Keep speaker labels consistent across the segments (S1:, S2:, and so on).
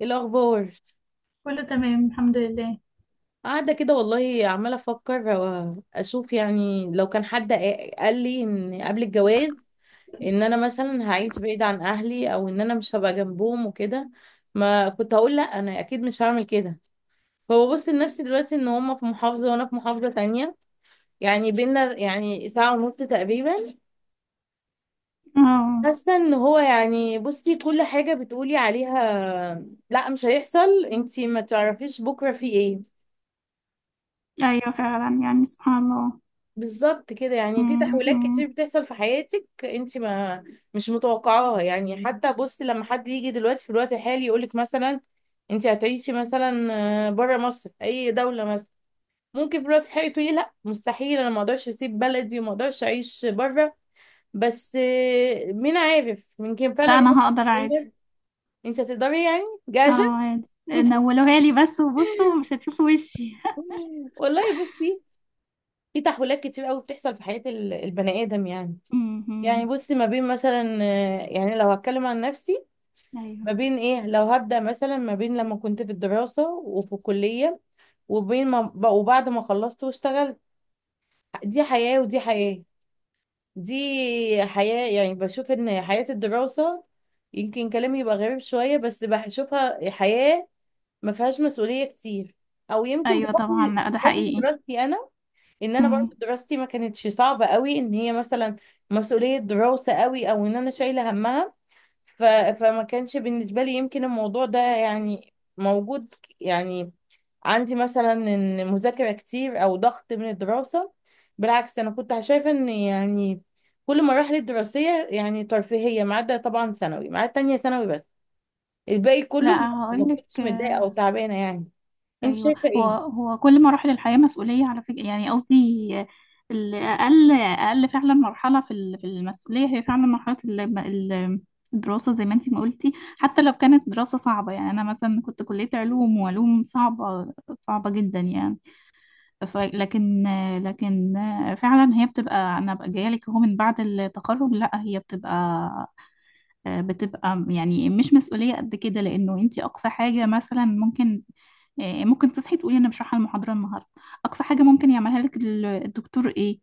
S1: إيه الاخبار؟
S2: كله تمام، الحمد لله.
S1: قاعده كده والله عماله افكر اشوف، يعني لو كان حد قال لي ان قبل الجواز ان انا مثلا هعيش بعيد عن اهلي او ان انا مش هبقى جنبهم وكده، ما كنت هقول لا، انا اكيد مش هعمل كده. فببص لنفسي دلوقتي ان هما في محافظه وانا في محافظه تانية، يعني بينا يعني ساعه ونص تقريبا.
S2: اه.
S1: حاسه ان هو يعني بصي كل حاجه بتقولي عليها لا مش هيحصل انتي ما تعرفيش بكره في ايه.
S2: ايوه، فعلا، يعني سبحان الله.
S1: بالظبط كده، يعني في تحولات كتير
S2: امم.
S1: بتحصل في حياتك انت ما مش متوقعاها. يعني حتى بصي لما حد يجي دلوقتي في الوقت الحالي يقولك مثلا انت هتعيشي مثلا بره مصر في اي دولة مثلا، ممكن في الوقت الحالي تقولي لا، مستحيل، انا ما اقدرش اسيب بلدي وما اقدرش اعيش بره. بس مين عارف، يمكن
S2: لا،
S1: فعلا رأيك
S2: انا هقدر عادي.
S1: يتغير. انت هتقدري يعني،
S2: اه،
S1: جاهزة.
S2: عادي، نولوها لي بس وبصوا مش هتشوفوا وشي.
S1: والله بصي، في تحولات كتير قوي بتحصل في حياة البني آدم يعني. يعني
S2: امم.
S1: بصي ما بين مثلا يعني لو هتكلم عن نفسي،
S2: ايوه،
S1: ما بين ايه، لو هبدأ مثلا ما بين لما كنت في الدراسة وفي الكلية، وبين ما ب- وبعد ما خلصت واشتغلت. دي حياة ودي حياة. دي حياة، يعني بشوف ان حياة الدراسة، يمكن كلامي يبقى غريب شوية، بس بشوفها حياة ما فيهاش مسؤولية كتير. او يمكن
S2: ايوه، طبعا. لا، ده
S1: بحكم
S2: حقيقي.
S1: دراستي انا، ان انا برضه
S2: امم.
S1: دراستي ما كانتش صعبة قوي ان هي مثلا مسؤولية دراسة قوي او ان انا شايلة همها. ف... فما كانش بالنسبة لي يمكن الموضوع ده يعني موجود، يعني عندي مثلا ان مذاكرة كتير او ضغط من الدراسة. بالعكس انا كنت شايفة ان يعني كل مراحل الدراسية يعني ترفيهية، ما عدا طبعا ثانوي، ما عدا تانية ثانوي بس، الباقي كله ما
S2: لا،
S1: ما
S2: هقول لك.
S1: كنتش متضايقة او تعبانة يعني. انت
S2: ايوه،
S1: شايفة
S2: هو
S1: ايه؟
S2: هو كل مراحل الحياه مسؤوليه على فكره، يعني قصدي اقل فعلا. مرحله في المسؤوليه هي فعلا مرحله الدراسه، زي ما انتي ما قلتي. حتى لو كانت دراسه صعبه، يعني انا مثلا كنت كليه علوم، وعلوم صعبه، صعبه جدا يعني. ف لكن لكن فعلا هي بتبقى، انا بقى جايه لك اهو، من بعد التخرج لا هي بتبقى يعني مش مسؤولية قد كده، لأنه أنت أقصى حاجة مثلا ممكن، ممكن تصحي تقولي انا مش رايحه المحاضره النهارده. اقصى حاجه ممكن يعملها لك الدكتور ايه؟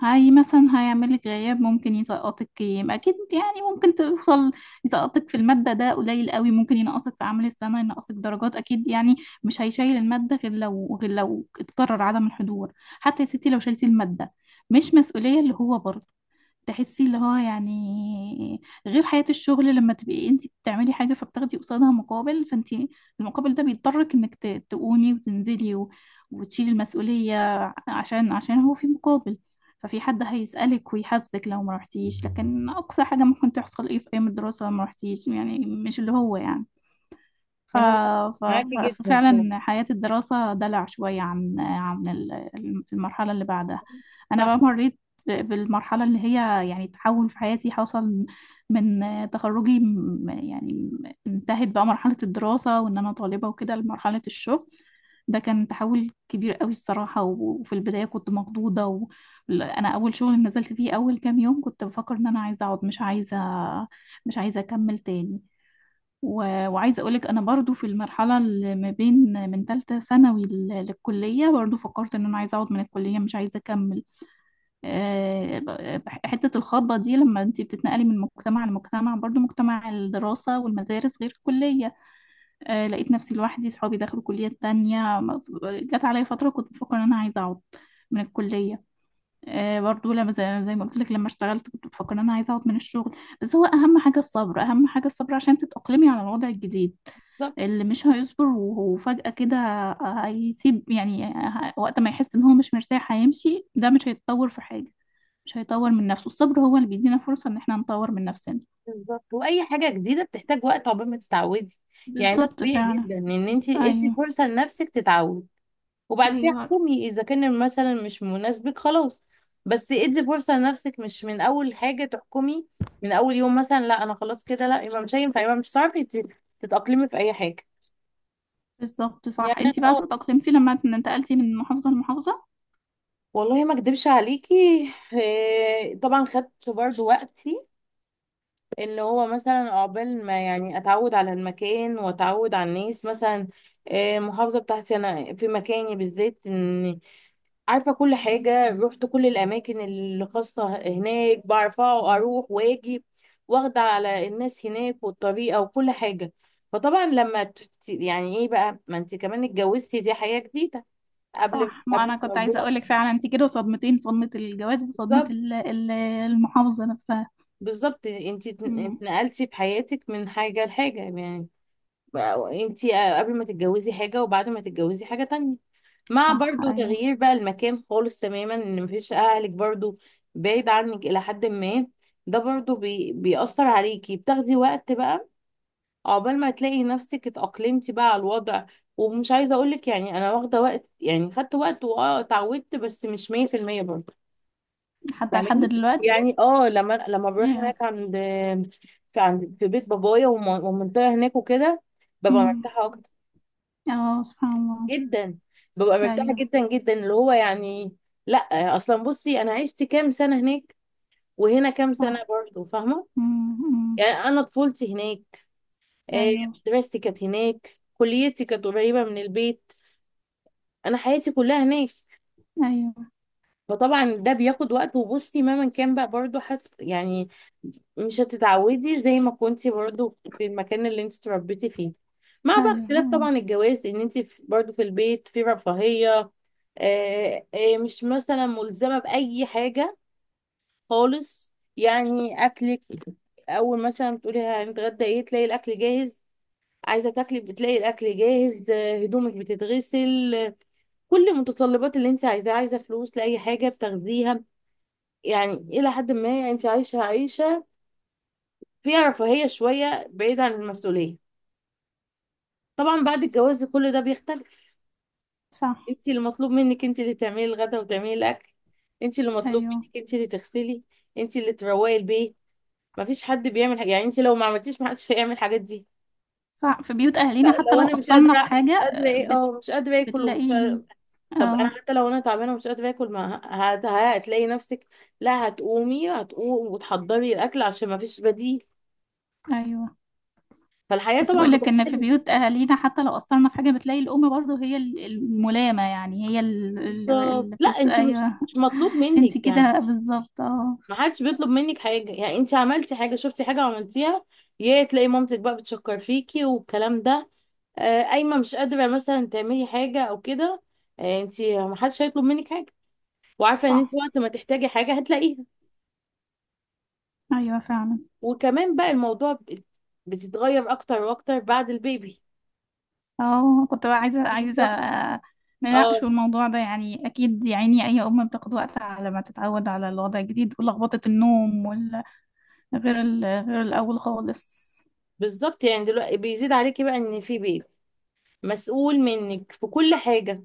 S2: هاي مثلا هيعمل لك غياب، ممكن يسقطك. يبقى اكيد يعني ممكن توصل يسقطك في الماده، ده قليل قوي، ممكن ينقصك في عمل السنه، ينقصك درجات اكيد يعني. مش هيشيل الماده غير لو اتكرر عدم الحضور. حتى يا ستي لو شلتي الماده، مش مسؤوليه اللي هو برضه تحسي اللي هو، يعني غير حياة الشغل. لما تبقي انت بتعملي حاجة فبتاخدي قصادها مقابل، فانت المقابل ده بيضطرك انك تقومي وتنزلي وتشيلي المسؤولية، عشان هو في مقابل، ففي حد هيسألك ويحاسبك لو ما رحتيش. لكن أقصى حاجة ممكن تحصل ايه في أيام الدراسة لو ما رحتيش، يعني مش اللي هو يعني. ف...
S1: انا معاكي جدا فيها.
S2: ففعلا حياة الدراسة دلع شوية عن المرحلة اللي بعدها. أنا
S1: صح.
S2: بقى مريت بالمرحلة اللي هي يعني تحول في حياتي حصل، من تخرجي، يعني انتهت بقى مرحلة الدراسة وإن أنا طالبة وكده لمرحلة الشغل. ده كان تحول كبير قوي الصراحة، وفي البداية كنت مخضوضة. أنا أول شغل نزلت فيه أول كام يوم كنت بفكر إن أنا عايزة أقعد، مش عايزة أكمل تاني. وعايزة أقولك أنا برضو في المرحلة اللي ما بين، من تالتة ثانوي للكلية، برضو فكرت إن أنا عايزة أقعد من الكلية، مش عايزة أكمل. حتة الخطبة دي، لما أنتي بتتنقلي من مجتمع لمجتمع، برضو مجتمع الدراسة والمدارس غير الكلية. لقيت نفسي لوحدي، صحابي دخلوا كليات تانية، جت عليا فترة كنت بفكر إن أنا عايزة أقعد من الكلية. برضو، لما زي ما قلت لك، لما اشتغلت كنت بفكر ان انا عايزه اقعد من الشغل. بس هو اهم حاجه الصبر، اهم حاجه الصبر عشان تتاقلمي على الوضع الجديد.
S1: صح.
S2: اللي مش هيصبر وفجأة كده هيسيب، يعني وقت ما يحس ان هو مش مرتاح هيمشي. ده مش هيتطور في حاجه، مش هيطور من نفسه. الصبر هو اللي بيدينا فرصه ان احنا نطور من نفسنا.
S1: بالظبط، واي حاجة جديدة بتحتاج وقت عقبال ما تتعودي. يعني ده
S2: بالظبط،
S1: طبيعي
S2: فعلا
S1: جدا ان انت
S2: بالظبط،
S1: ادي
S2: ايوه.
S1: فرصة لنفسك تتعود، وبعد كده
S2: ايوه
S1: حكمي اذا كان مثلا مش مناسبك خلاص. بس ادي فرصه لنفسك، مش من اول حاجه تحكمي، من اول يوم مثلا لا انا خلاص كده، لا يبقى مش هينفع، يبقى مش هتعرفي تتاقلمي في اي حاجه.
S2: بالظبط.
S1: يعني
S2: صح، انت بقى
S1: اه
S2: تأقلمتي لما انتقلتي من محافظه لمحافظه؟
S1: والله ما اكدبش عليكي، طبعا خدت برضو وقتي، اللي هو مثلا عقبال ما يعني اتعود على المكان واتعود على الناس مثلا. المحافظه بتاعتي انا في مكاني بالذات ان عارفة كل حاجة، رحت كل الأماكن اللي خاصة هناك، بعرف أروح وأجي، واخدة على الناس هناك والطريقة وكل حاجة. فطبعا لما يعني إيه بقى، ما أنت كمان اتجوزتي، دي حياة جديدة، قبل
S2: صح، ما
S1: قبل
S2: انا كنت عايزه
S1: الموضوع.
S2: اقولك فعلا، انت كده صدمتين: صدمه الجواز وصدمه
S1: بالظبط
S2: المحافظه نفسها.
S1: بالظبط أنت
S2: امم.
S1: اتنقلتي في حياتك من حاجة لحاجة يعني. أنت قبل ما تتجوزي حاجة، وبعد ما تتجوزي حاجة تانية، مع
S2: صح،
S1: برضو
S2: ايوه.
S1: تغيير بقى المكان خالص تماما، ان مفيش اهلك برضو بعيد عنك الى حد ما. ده برضو بيأثر عليكي، بتاخدي وقت بقى عقبال ما تلاقي نفسك اتأقلمتي بقى على الوضع. ومش عايزة اقولك يعني انا واخدة وقت، يعني خدت وقت واه اتعودت، بس مش 100% برضو،
S2: حتى لحد
S1: فاهماني؟
S2: دلوقتي.
S1: يعني اه، لما بروح
S2: yeah.
S1: هناك عند، في بيت بابايا والمنطقة هناك وكده، ببقى
S2: امم.
S1: مرتاحة اكتر،
S2: اه، سبحان الله.
S1: جدا. ببقى مرتاحة
S2: ايوه.
S1: جدا جدا، اللي هو يعني، لا اصلا بصي انا عشت كام سنة هناك، وهنا كام سنة
S2: صح.
S1: برضه، فاهمة؟
S2: امم. أمم.
S1: يعني انا طفولتي هناك، آه،
S2: ايوه.
S1: مدرستي كانت هناك، كليتي كانت قريبة من البيت، انا حياتي كلها هناك.
S2: ايوه،
S1: فطبعا ده بياخد وقت. وبصي مهما كان بقى برضه يعني مش هتتعودي زي ما كنتي برضو في المكان اللي انت اتربيتي فيه، مع
S2: ايوه،
S1: بقى اختلاف طبعا
S2: ايوه.
S1: الجواز ان انت برضو في البيت في رفاهية، مش مثلا ملزمة بأي حاجة خالص. يعني أكلك، أول مثلا بتقولي هنتغدى ايه، تلاقي الأكل جاهز، عايزة تاكلي بتلاقي الأكل جاهز، هدومك بتتغسل، كل المتطلبات اللي انت عايزاها، عايزة فلوس لأي حاجة بتاخديها. يعني إلى حد ما انت عايشة عيشة فيها رفاهية شوية، بعيد عن المسؤولية. طبعا بعد الجواز كل ده بيختلف.
S2: صح،
S1: انت اللي مطلوب منك، انت اللي تعملي الغدا وتعملي الاكل، انت اللي مطلوب
S2: ايوه.
S1: منك، انت اللي تغسلي، انت اللي تروقي البيت، مفيش حد بيعمل حاجة. يعني انت لو ما عملتيش محدش هيعمل الحاجات دي.
S2: صح، في بيوت اهالينا حتى
S1: لو
S2: لو
S1: انا مش
S2: قصرنا في
S1: قادره
S2: حاجه،
S1: مش قادره ايه، اه مش قادره اكل ومش
S2: بتلاقي.
S1: قادرة. طب انا
S2: اه.
S1: حتى لو انا تعبانه ومش قادره اكل، ما هتلاقي نفسك، لا هتقومي، وتحضري الاكل عشان ما فيش بديل.
S2: ايوه،
S1: فالحياه
S2: كنت
S1: طبعا
S2: بقولك ان في
S1: بتختلف.
S2: بيوت اهالينا حتى لو قصرنا في حاجه بتلاقي الام برضو هي الملامه، يعني هي،
S1: بالظبط، لا
S2: بس
S1: انت مش
S2: ايوه.
S1: مش مطلوب
S2: انت
S1: منك يعني،
S2: كده بالظبط، اه.
S1: ما حدش بيطلب منك حاجة. يعني انت عملتي حاجة، شفتي حاجة عملتيها، يا تلاقي مامتك بقى بتشكر فيكي والكلام ده، قايمة مش قادرة مثلا تعملي حاجة او كده، انت ما حدش هيطلب منك حاجة، وعارفة ان انت
S2: صح،
S1: وقت ما تحتاجي حاجة هتلاقيها.
S2: ايوه فعلا.
S1: وكمان بقى الموضوع بتتغير اكتر واكتر بعد البيبي،
S2: اه، كنت بقى عايزه،
S1: في شخص. اه،
S2: نناقشوا الموضوع ده، يعني اكيد. يعني اي ام بتاخد وقت على ما تتعود على الوضع الجديد ولخبطه النوم. غير الاول خالص.
S1: بالظبط، يعني دلوقتي بيزيد عليكي بقى ان في بيبي مسؤول منك في كل حاجة،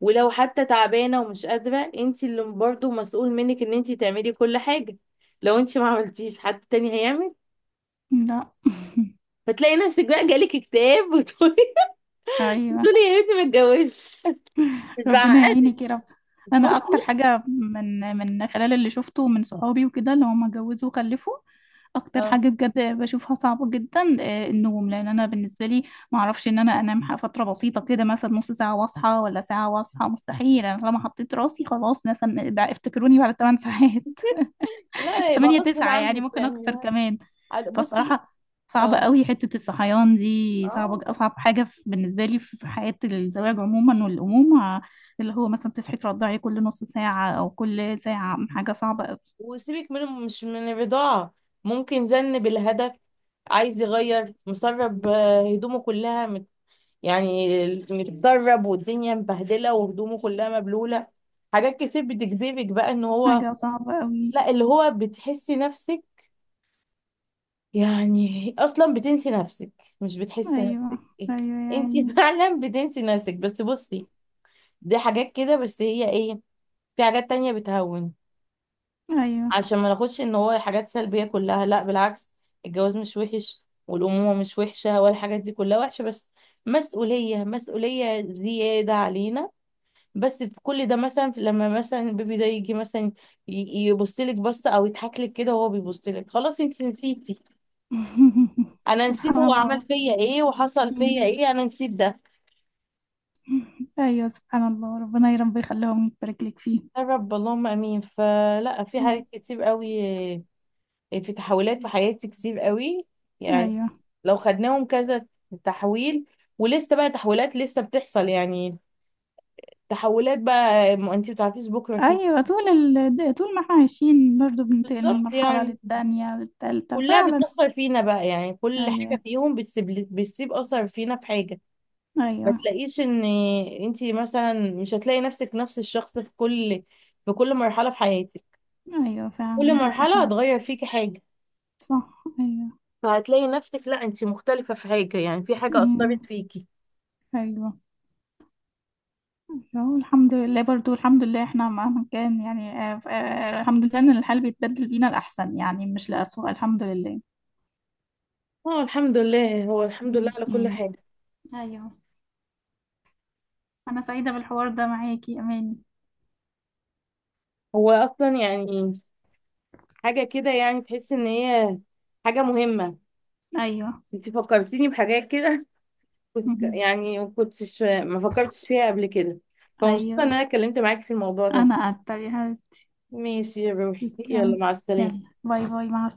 S1: ولو حتى تعبانة ومش قادرة، انت اللي برضه مسؤول منك ان انت تعملي كل حاجة. لو انت ما عملتيش حد تاني هيعمل،
S2: لا.
S1: فتلاقي نفسك بقى جالك اكتئاب وتقولي
S2: ايوه.
S1: بتقولي يا بنتي ما اتجوزش، مش
S2: ربنا
S1: بعقدك.
S2: يعينك يا رب. انا اكتر
S1: بصي،
S2: حاجه، من خلال اللي شفته من صحابي وكده اللي هم اتجوزوا وخلفوا، اكتر
S1: اه،
S2: حاجه بجد بشوفها صعبه جدا، النوم. لان انا بالنسبه لي ما اعرفش ان انا انام فتره بسيطه كده، مثلا نص ساعه واصحى، ولا ساعه واصحى. مستحيل. انا لما حطيت راسي خلاص، مثلا بقى افتكروني بعد 8 ساعات،
S1: لا يبقى
S2: تمانية
S1: غصب
S2: تسعة، يعني
S1: عنك
S2: ممكن
S1: يعني.
S2: أكتر كمان.
S1: بصي،
S2: فالصراحة صعبة
S1: اه،
S2: قوي حتة الصحيان دي، صعبة.
S1: اه.
S2: أصعب حاجة بالنسبة لي في حياة الزواج عموما والأمومة، اللي هو مثلا تصحي ترضعي كل نص ساعة أو كل ساعة، حاجة صعبة قوي.
S1: وسيبك من مش من الرضاعة، ممكن زن بالهدف، عايز يغير مسرب، هدومه كلها يعني، متسرب والدنيا مبهدله وهدومه كلها مبلوله، حاجات كتير بتجذبك بقى ان هو،
S2: حاجة صعبة قوي.
S1: لا اللي هو بتحسي نفسك، يعني اصلا بتنسي نفسك، مش بتحسي
S2: أيوة.
S1: نفسك
S2: أيوة يا
S1: انت.
S2: عيني.
S1: فعلا بتنسي نفسك. بس بصي، دي حاجات كده بس، هي ايه، في حاجات تانية بتهون.
S2: أيوة.
S1: عشان ما ناخدش ان هو حاجات سلبية كلها، لا بالعكس، الجواز مش وحش، والأمومة مش وحشة، ولا الحاجات دي كلها وحشة، بس مسؤولية، مسؤولية زيادة علينا. بس في كل ده مثلا، لما مثلا البيبي ده يجي مثلا يبص لك بصه او يضحك لك كده وهو بيبص لك، خلاص، انت نسيتي، انا نسيت
S2: سبحان
S1: هو عمل
S2: الله.
S1: فيا ايه وحصل فيا
S2: أمم.
S1: ايه، انا نسيت ده.
S2: أيوة، سبحان الله. ربنا يا رب يخليهم، يبارك لك فيه.
S1: يا رب، اللهم امين. فلا في
S2: أمم.
S1: حاجات كتير قوي، في تحولات في حياتي كتير قوي يعني،
S2: أيوة.
S1: لو خدناهم كذا تحويل، ولسه بقى تحولات لسه بتحصل يعني، تحولات بقى ما انت بتعرفيش بكره فيه.
S2: أيوة، طول طول ما احنا عايشين برضه بننتقل من
S1: بالظبط،
S2: مرحلة
S1: يعني
S2: للتانية للتالتة،
S1: كلها
S2: فعلا.
S1: بتأثر فينا بقى، يعني كل حاجة
S2: أيوة،
S1: فيهم بتسيب، بتسيب أثر فينا في حاجة. ما
S2: أيوة،
S1: تلاقيش ان انتي مثلا مش هتلاقي نفسك نفس الشخص في كل، في كل مرحلة في حياتك،
S2: أيوة،
S1: كل
S2: فعلا ده
S1: مرحلة
S2: صحيح.
S1: هتغير فيكي حاجة،
S2: صح، أيوة.
S1: فهتلاقي نفسك لا انتي مختلفة في حاجة، يعني في حاجة
S2: أمم.
S1: أثرت فيكي.
S2: أيوة. هو الحمد لله، برضه الحمد لله، احنا مهما كان يعني، الحمد لله إن الحال بيتبدل بينا الأحسن، يعني مش لأسوأ، الحمد لله.
S1: اه الحمد لله، هو الحمد لله
S2: أمم.
S1: على كل
S2: أمم.
S1: حاجة.
S2: أيوة. أنا سعيدة بالحوار ده معاكي يا أماني.
S1: هو أصلا يعني حاجة كده، يعني تحس ان هي حاجة مهمة.
S2: أيوة.
S1: انتي فكرتيني بحاجات كده كنت
S2: أمم.
S1: يعني ما فكرتش فيها قبل كده، فمبسوطة
S2: أيوة.
S1: ان انا اتكلمت معاك في الموضوع ده.
S2: أنا أكتر يا حبيبتي.
S1: ماشي يا روحي، يلا
S2: تسلمي.
S1: مع السلامة.
S2: يلا، باي باي، مع السلامة.